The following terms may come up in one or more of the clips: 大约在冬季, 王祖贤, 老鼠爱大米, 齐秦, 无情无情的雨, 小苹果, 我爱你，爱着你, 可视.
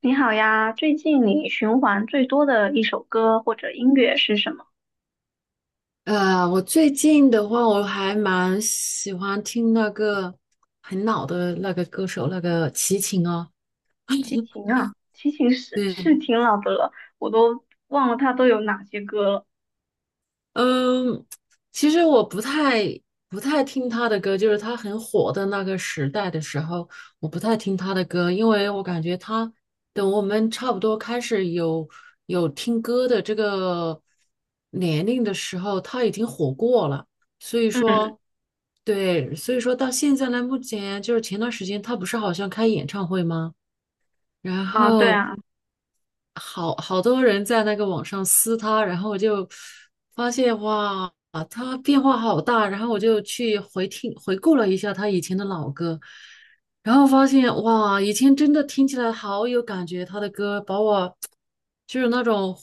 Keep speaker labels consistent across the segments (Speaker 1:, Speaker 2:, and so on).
Speaker 1: 你好呀，最近你循环最多的一首歌或者音乐是什么？
Speaker 2: 我最近的话，我还蛮喜欢听那个很老的那个歌手，那个齐秦哦。
Speaker 1: 齐 秦啊，齐秦是
Speaker 2: 对，
Speaker 1: 是挺老的了，我都忘了他都有哪些歌了。
Speaker 2: 嗯，其实我不太听他的歌，就是他很火的那个时代的时候，我不太听他的歌，因为我感觉他等我们差不多开始有听歌的这个年龄的时候，他已经火过了。所以
Speaker 1: 嗯
Speaker 2: 说，对，所以说到现在呢，目前就是前段时间他不是好像开演唱会吗？然
Speaker 1: 啊，对
Speaker 2: 后
Speaker 1: 啊，
Speaker 2: 好好多人在那个网上撕他，然后我就发现哇，啊他变化好大，然后我就去回听回顾了一下他以前的老歌，然后发现哇，以前真的听起来好有感觉，他的歌把我就是那种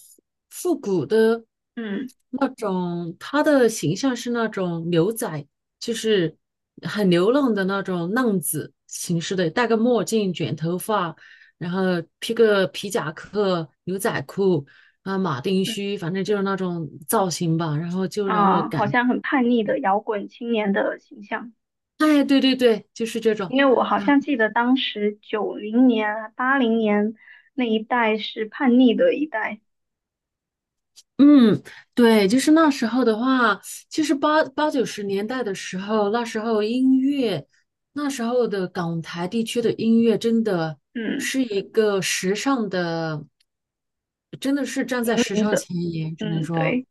Speaker 2: 复古的
Speaker 1: 嗯
Speaker 2: 那种，他的形象是那种牛仔，就是很流浪的那种浪子形式的，戴个墨镜，卷头发。然后披个皮夹克、牛仔裤啊、马丁
Speaker 1: 嗯
Speaker 2: 靴，反正就是那种造型吧。然后就让我
Speaker 1: 啊，好
Speaker 2: 感，
Speaker 1: 像很叛逆的摇滚青年的形象。
Speaker 2: 哎，对对对，就是这
Speaker 1: 因
Speaker 2: 种。
Speaker 1: 为我好
Speaker 2: 然后，
Speaker 1: 像记得当时90年啊、80年那一代是叛逆的一代。
Speaker 2: 嗯，对，就是那时候的话，其实八八九十年代的时候，那时候音乐，那时候的港台地区的音乐真的
Speaker 1: 嗯，
Speaker 2: 是一个时尚的，真的是站
Speaker 1: 引
Speaker 2: 在时
Speaker 1: 领
Speaker 2: 尚
Speaker 1: 者，
Speaker 2: 前沿，只能
Speaker 1: 嗯，
Speaker 2: 说。
Speaker 1: 对。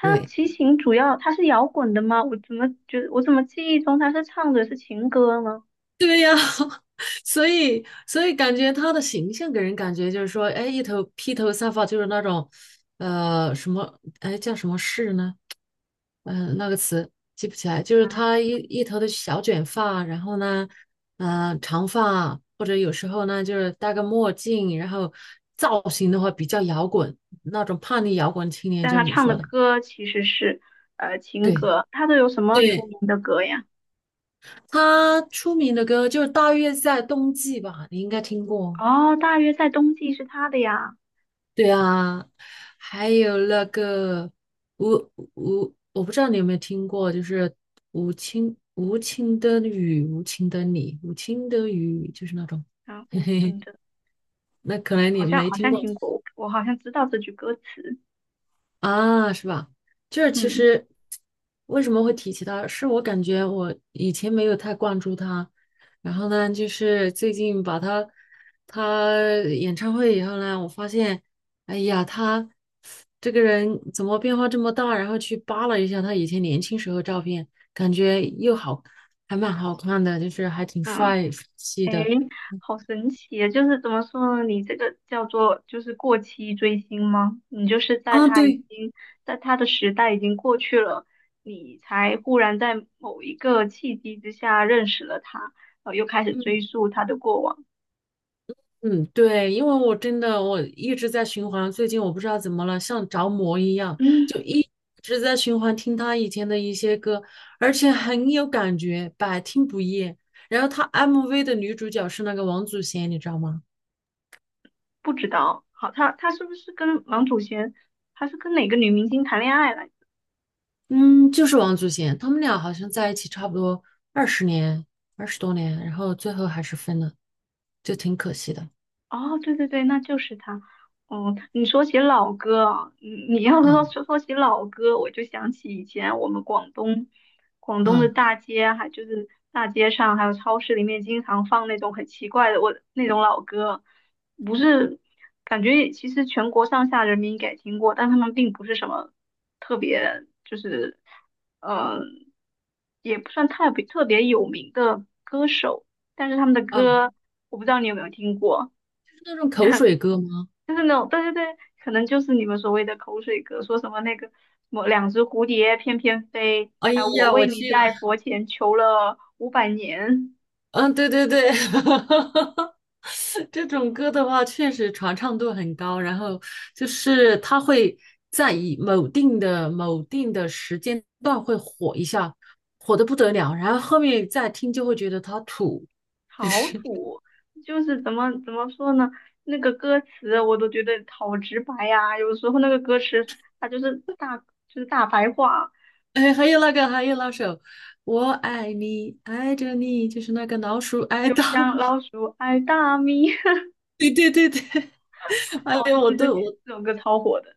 Speaker 1: 他
Speaker 2: 对。
Speaker 1: 齐秦主要他是摇滚的吗？我怎么记忆中他是唱的是情歌呢？
Speaker 2: 对呀，所以感觉他的形象给人感觉就是说，哎，一头披头散发，就是那种，哎，叫什么饰呢？那个词记不起来，就是
Speaker 1: 啊，
Speaker 2: 他一头的小卷发，然后呢，嗯、长发，或者有时候呢，就是戴个墨镜，然后造型的话比较摇滚，那种叛逆摇滚青年，
Speaker 1: 但
Speaker 2: 就
Speaker 1: 他
Speaker 2: 是你
Speaker 1: 唱
Speaker 2: 说
Speaker 1: 的
Speaker 2: 的，
Speaker 1: 歌其实是情
Speaker 2: 对
Speaker 1: 歌。他都有什么出
Speaker 2: 对，
Speaker 1: 名的歌呀？
Speaker 2: 他出名的歌就是大约在冬季吧，你应该听过。
Speaker 1: 哦，大约在冬季是他的呀。
Speaker 2: 对啊，还有那个吴，我不知道你有没有听过，就是无情无情的雨，无情的你，无情的雨，就是那种，
Speaker 1: 啊，无情的，
Speaker 2: 那可能
Speaker 1: 好
Speaker 2: 你
Speaker 1: 像
Speaker 2: 没
Speaker 1: 好
Speaker 2: 听
Speaker 1: 像
Speaker 2: 过，
Speaker 1: 听过，我好像知道这句歌词。
Speaker 2: 啊，是吧？就是其
Speaker 1: 嗯
Speaker 2: 实为什么会提起他，是我感觉我以前没有太关注他，然后呢，就是最近把他他演唱会以后呢，我发现，哎呀，他这个人怎么变化这么大？然后去扒了一下他以前年轻时候照片，感觉又好，还蛮好看的，就是还挺
Speaker 1: 嗯。
Speaker 2: 帅气
Speaker 1: 诶，
Speaker 2: 的。
Speaker 1: 好神奇啊！就是怎么说呢？你这个叫做就是过期追星吗？你就是在
Speaker 2: 啊，
Speaker 1: 他已
Speaker 2: 对，
Speaker 1: 经在他的时代已经过去了，你才忽然在某一个契机之下认识了他，然后又开始
Speaker 2: 嗯。
Speaker 1: 追溯他的过往。
Speaker 2: 嗯，对，因为我真的一直在循环，最近我不知道怎么了，像着魔一样，
Speaker 1: 嗯，
Speaker 2: 就一直在循环听他以前的一些歌，而且很有感觉，百听不厌。然后他 MV 的女主角是那个王祖贤，你知道吗？
Speaker 1: 不知道，好，他是不是跟王祖贤，他是跟哪个女明星谈恋爱来着？
Speaker 2: 嗯，就是王祖贤，他们俩好像在一起差不多二十年，二十多年，然后最后还是分了，就挺可惜的。
Speaker 1: 哦，对对对，那就是他。哦，你说起老歌啊，你要是说
Speaker 2: 嗯
Speaker 1: 说说起老歌，我就想起以前我们广东的
Speaker 2: 嗯
Speaker 1: 大街，还就是大街上还有超市里面经常放那种很奇怪的我那种老歌。不是感觉其实全国上下人民应该听过，但他们并不是什么特别，就是嗯也不算特别特别有名的歌手，但是他们的
Speaker 2: 嗯，
Speaker 1: 歌我不知道你有没有听过。
Speaker 2: 是那种口水歌吗？
Speaker 1: 就是那种，对对对，可能就是你们所谓的口水歌，说什么那个什么两只蝴蝶翩翩飞，
Speaker 2: 哎
Speaker 1: 还有我
Speaker 2: 呀，我
Speaker 1: 为你
Speaker 2: 去！了。
Speaker 1: 在佛前求了500年，
Speaker 2: 嗯，对对对，这种歌的话，确实传唱度很高。然后就是它会在以某定的某定的时间段会火一下，火的不得了。然后后面再听就会觉得它土，就
Speaker 1: 好
Speaker 2: 是
Speaker 1: 土。就是怎么说呢？那个歌词我都觉得好直白呀、有时候那个歌词它就是大就是大白话，
Speaker 2: 哎，还有那个，还有那首《我爱你，爱着你》，就是那个老鼠爱
Speaker 1: 就
Speaker 2: 大
Speaker 1: 像
Speaker 2: 米。
Speaker 1: 老鼠爱大米。
Speaker 2: 对对对对，
Speaker 1: 哦，
Speaker 2: 哎呦，我
Speaker 1: 对对
Speaker 2: 都
Speaker 1: 对，
Speaker 2: 我
Speaker 1: 这首歌超火的。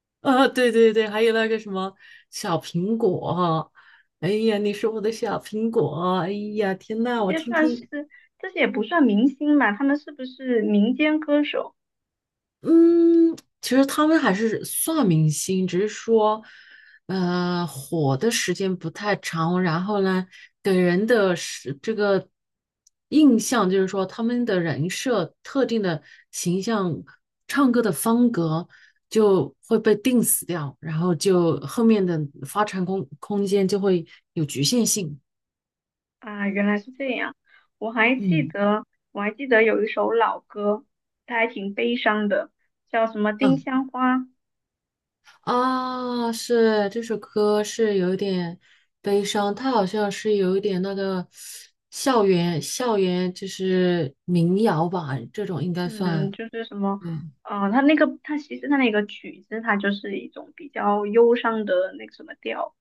Speaker 2: 啊，对对对，还有那个什么小苹果，哎呀，你是我的小苹果，哎呀，天
Speaker 1: 这
Speaker 2: 呐，我
Speaker 1: 些
Speaker 2: 听
Speaker 1: 算是
Speaker 2: 听，
Speaker 1: 这些也不算明星嘛，他们是不是民间歌手？
Speaker 2: 嗯，其实他们还是算明星，只是说，火的时间不太长，然后呢，给人的是这个印象就是说，他们的人设、特定的形象、唱歌的风格就会被定死掉，然后就后面的发展空间就会有局限性。
Speaker 1: 啊，原来是这样。我还记
Speaker 2: 嗯。
Speaker 1: 得，我还记得有一首老歌，它还挺悲伤的，叫什么《丁香花》。
Speaker 2: 啊，是这首歌是有一点悲伤，它好像是有一点那个校园就是民谣吧，这种应该
Speaker 1: 嗯，
Speaker 2: 算。
Speaker 1: 就是什么，
Speaker 2: 对，
Speaker 1: 它那个，它其实它那个曲子，它就是一种比较忧伤的那个什么调。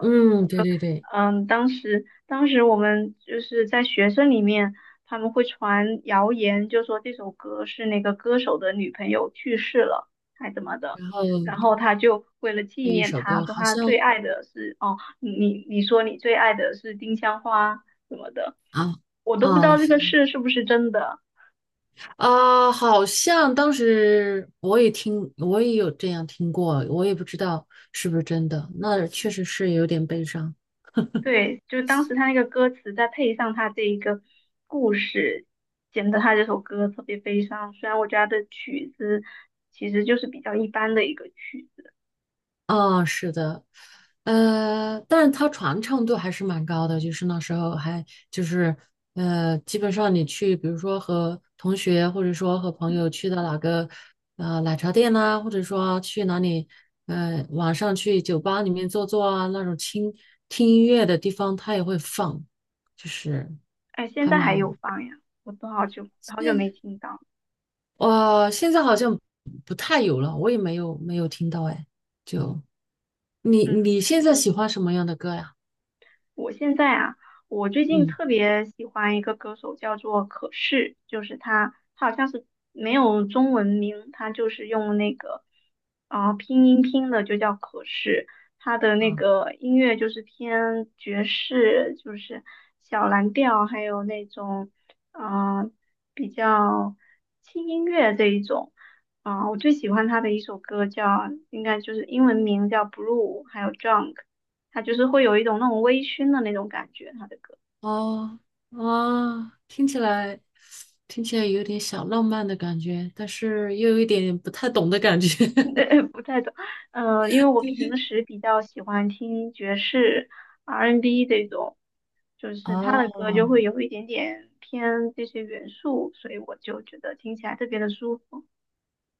Speaker 2: 嗯，对对对。
Speaker 1: 嗯，当时我们就是在学生里面，他们会传谣言，就说这首歌是那个歌手的女朋友去世了，还怎么的。
Speaker 2: 然后
Speaker 1: 然后他就为了纪
Speaker 2: 这一
Speaker 1: 念
Speaker 2: 首
Speaker 1: 她，
Speaker 2: 歌
Speaker 1: 说
Speaker 2: 好
Speaker 1: 他
Speaker 2: 像
Speaker 1: 最爱的是哦，你说你最爱的是丁香花什么的，
Speaker 2: 啊
Speaker 1: 我都不知道这
Speaker 2: 是，
Speaker 1: 个事是不是真的。
Speaker 2: 好像当时我也听，我也有这样听过，我也不知道是不是真的。那确实是有点悲伤。
Speaker 1: 对，就当时他那个歌词，再配上他这一个故事，显得他这首歌特别悲伤。虽然我觉得他的曲子其实就是比较一般的一个曲子。
Speaker 2: 哦，是的，但是它传唱度还是蛮高的，就是那时候还就是基本上你去，比如说和同学或者说和朋
Speaker 1: 嗯，
Speaker 2: 友去到哪个奶茶店呐、或者说去哪里晚上去酒吧里面坐坐啊，那种听音乐的地方，它也会放，就是
Speaker 1: 哎，现
Speaker 2: 还
Speaker 1: 在还有
Speaker 2: 蛮
Speaker 1: 放呀，我都好久好久没
Speaker 2: 现
Speaker 1: 听到。
Speaker 2: 哇，现在好像不太有了，我也没有听到哎，就
Speaker 1: 嗯。
Speaker 2: 你现在喜欢什么样的歌呀？
Speaker 1: 我现在啊，我最近
Speaker 2: 嗯，
Speaker 1: 特别喜欢一个歌手，叫做可视，就是他好像是没有中文名，他就是用那个拼音拼的，就叫可视。他的那
Speaker 2: 啊
Speaker 1: 个音乐就是偏爵士，就是小蓝调，还有那种啊、呃比较轻音乐这一种。啊、我最喜欢他的一首歌叫，应该就是英文名叫《Blue》，还有《Drunk》。他就是会有一种那种微醺的那种感觉，他的歌。
Speaker 2: 哦，啊，听起来有点小浪漫的感觉，但是又有一点不太懂的感觉。
Speaker 1: 不太懂，因为我平 时比较喜欢听爵士、R&B 这种，就是他的
Speaker 2: 哦
Speaker 1: 歌就会有一点点偏这些元素，所以我就觉得听起来特别的舒服。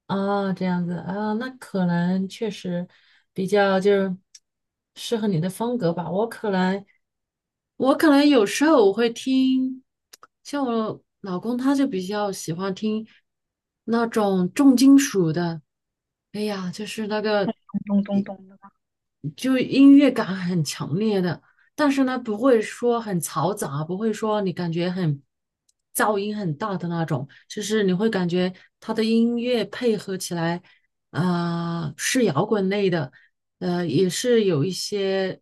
Speaker 2: 哦，这样子啊，那可能确实比较就是适合你的风格吧。我可能有时候我会听，像我老公他就比较喜欢听那种重金属的，哎呀，就是那个。
Speaker 1: 咚咚咚的。
Speaker 2: 就音乐感很强烈的，但是呢，不会说很嘈杂，不会说你感觉很噪音很大的那种，就是你会感觉它的音乐配合起来，啊、是摇滚类的，也是有一些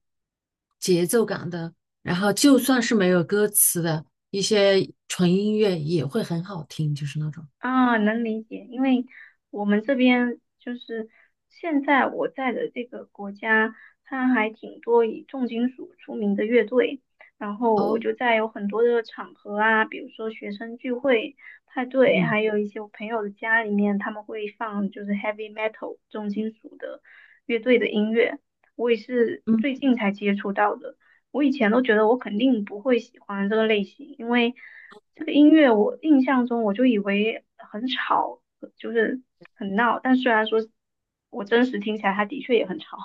Speaker 2: 节奏感的，然后就算是没有歌词的一些纯音乐也会很好听，就是那种。
Speaker 1: 啊，能理解，因为我们这边就是现在我在的这个国家，它还挺多以重金属出名的乐队，然后我
Speaker 2: 哦，
Speaker 1: 就在有很多的场合啊，比如说学生聚会、派对，
Speaker 2: 嗯
Speaker 1: 还有一些我朋友的家里面，他们会放就是 heavy metal 重金属的乐队的音乐，我也是
Speaker 2: 嗯。
Speaker 1: 最近才接触到的。我以前都觉得我肯定不会喜欢这个类型，因为这个音乐我印象中我就以为很吵，就是很闹，但虽然说我真实听起来它的确也很吵，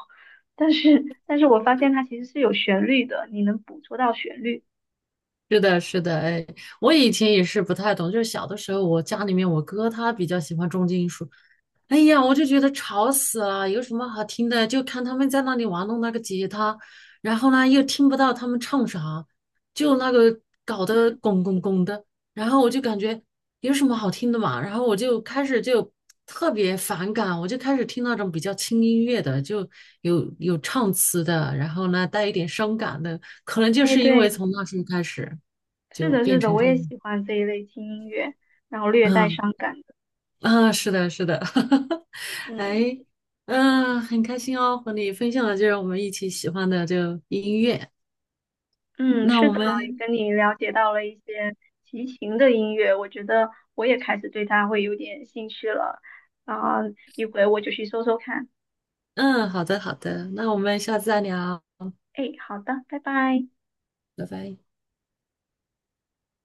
Speaker 1: 但是我发现它其实是有旋律的，你能捕捉到旋律。
Speaker 2: 是的，是的，哎，我以前也是不太懂，就是小的时候，我家里面我哥他比较喜欢重金属，哎呀，我就觉得吵死了，有什么好听的？就看他们在那里玩弄那个吉他，然后呢又听不到他们唱啥，就那个搞得拱拱拱的，然后我就感觉有什么好听的嘛，然后我就开始就特别反感，我就开始听那种比较轻音乐的，就有唱词的，然后呢带一点伤感的，可能就
Speaker 1: 哎，
Speaker 2: 是因为
Speaker 1: 对，
Speaker 2: 从那时候开始
Speaker 1: 是
Speaker 2: 就
Speaker 1: 的，
Speaker 2: 变
Speaker 1: 是的，
Speaker 2: 成
Speaker 1: 我
Speaker 2: 这
Speaker 1: 也喜
Speaker 2: 样，
Speaker 1: 欢这一类轻音乐，然后略带
Speaker 2: 嗯
Speaker 1: 伤感的。
Speaker 2: 啊，是的，是的，
Speaker 1: 嗯
Speaker 2: 哎，嗯、很开心哦，和你分享的就是我们一起喜欢的这个音乐。
Speaker 1: 嗯，
Speaker 2: 那
Speaker 1: 是
Speaker 2: 我嗯
Speaker 1: 的，也
Speaker 2: 们，
Speaker 1: 跟你了解到了一些齐秦的音乐，我觉得我也开始对它会有点兴趣了。啊，一会我就去搜搜看。
Speaker 2: 嗯，好的，好的，那我们下次再聊，
Speaker 1: 哎，好的，拜拜。
Speaker 2: 拜拜。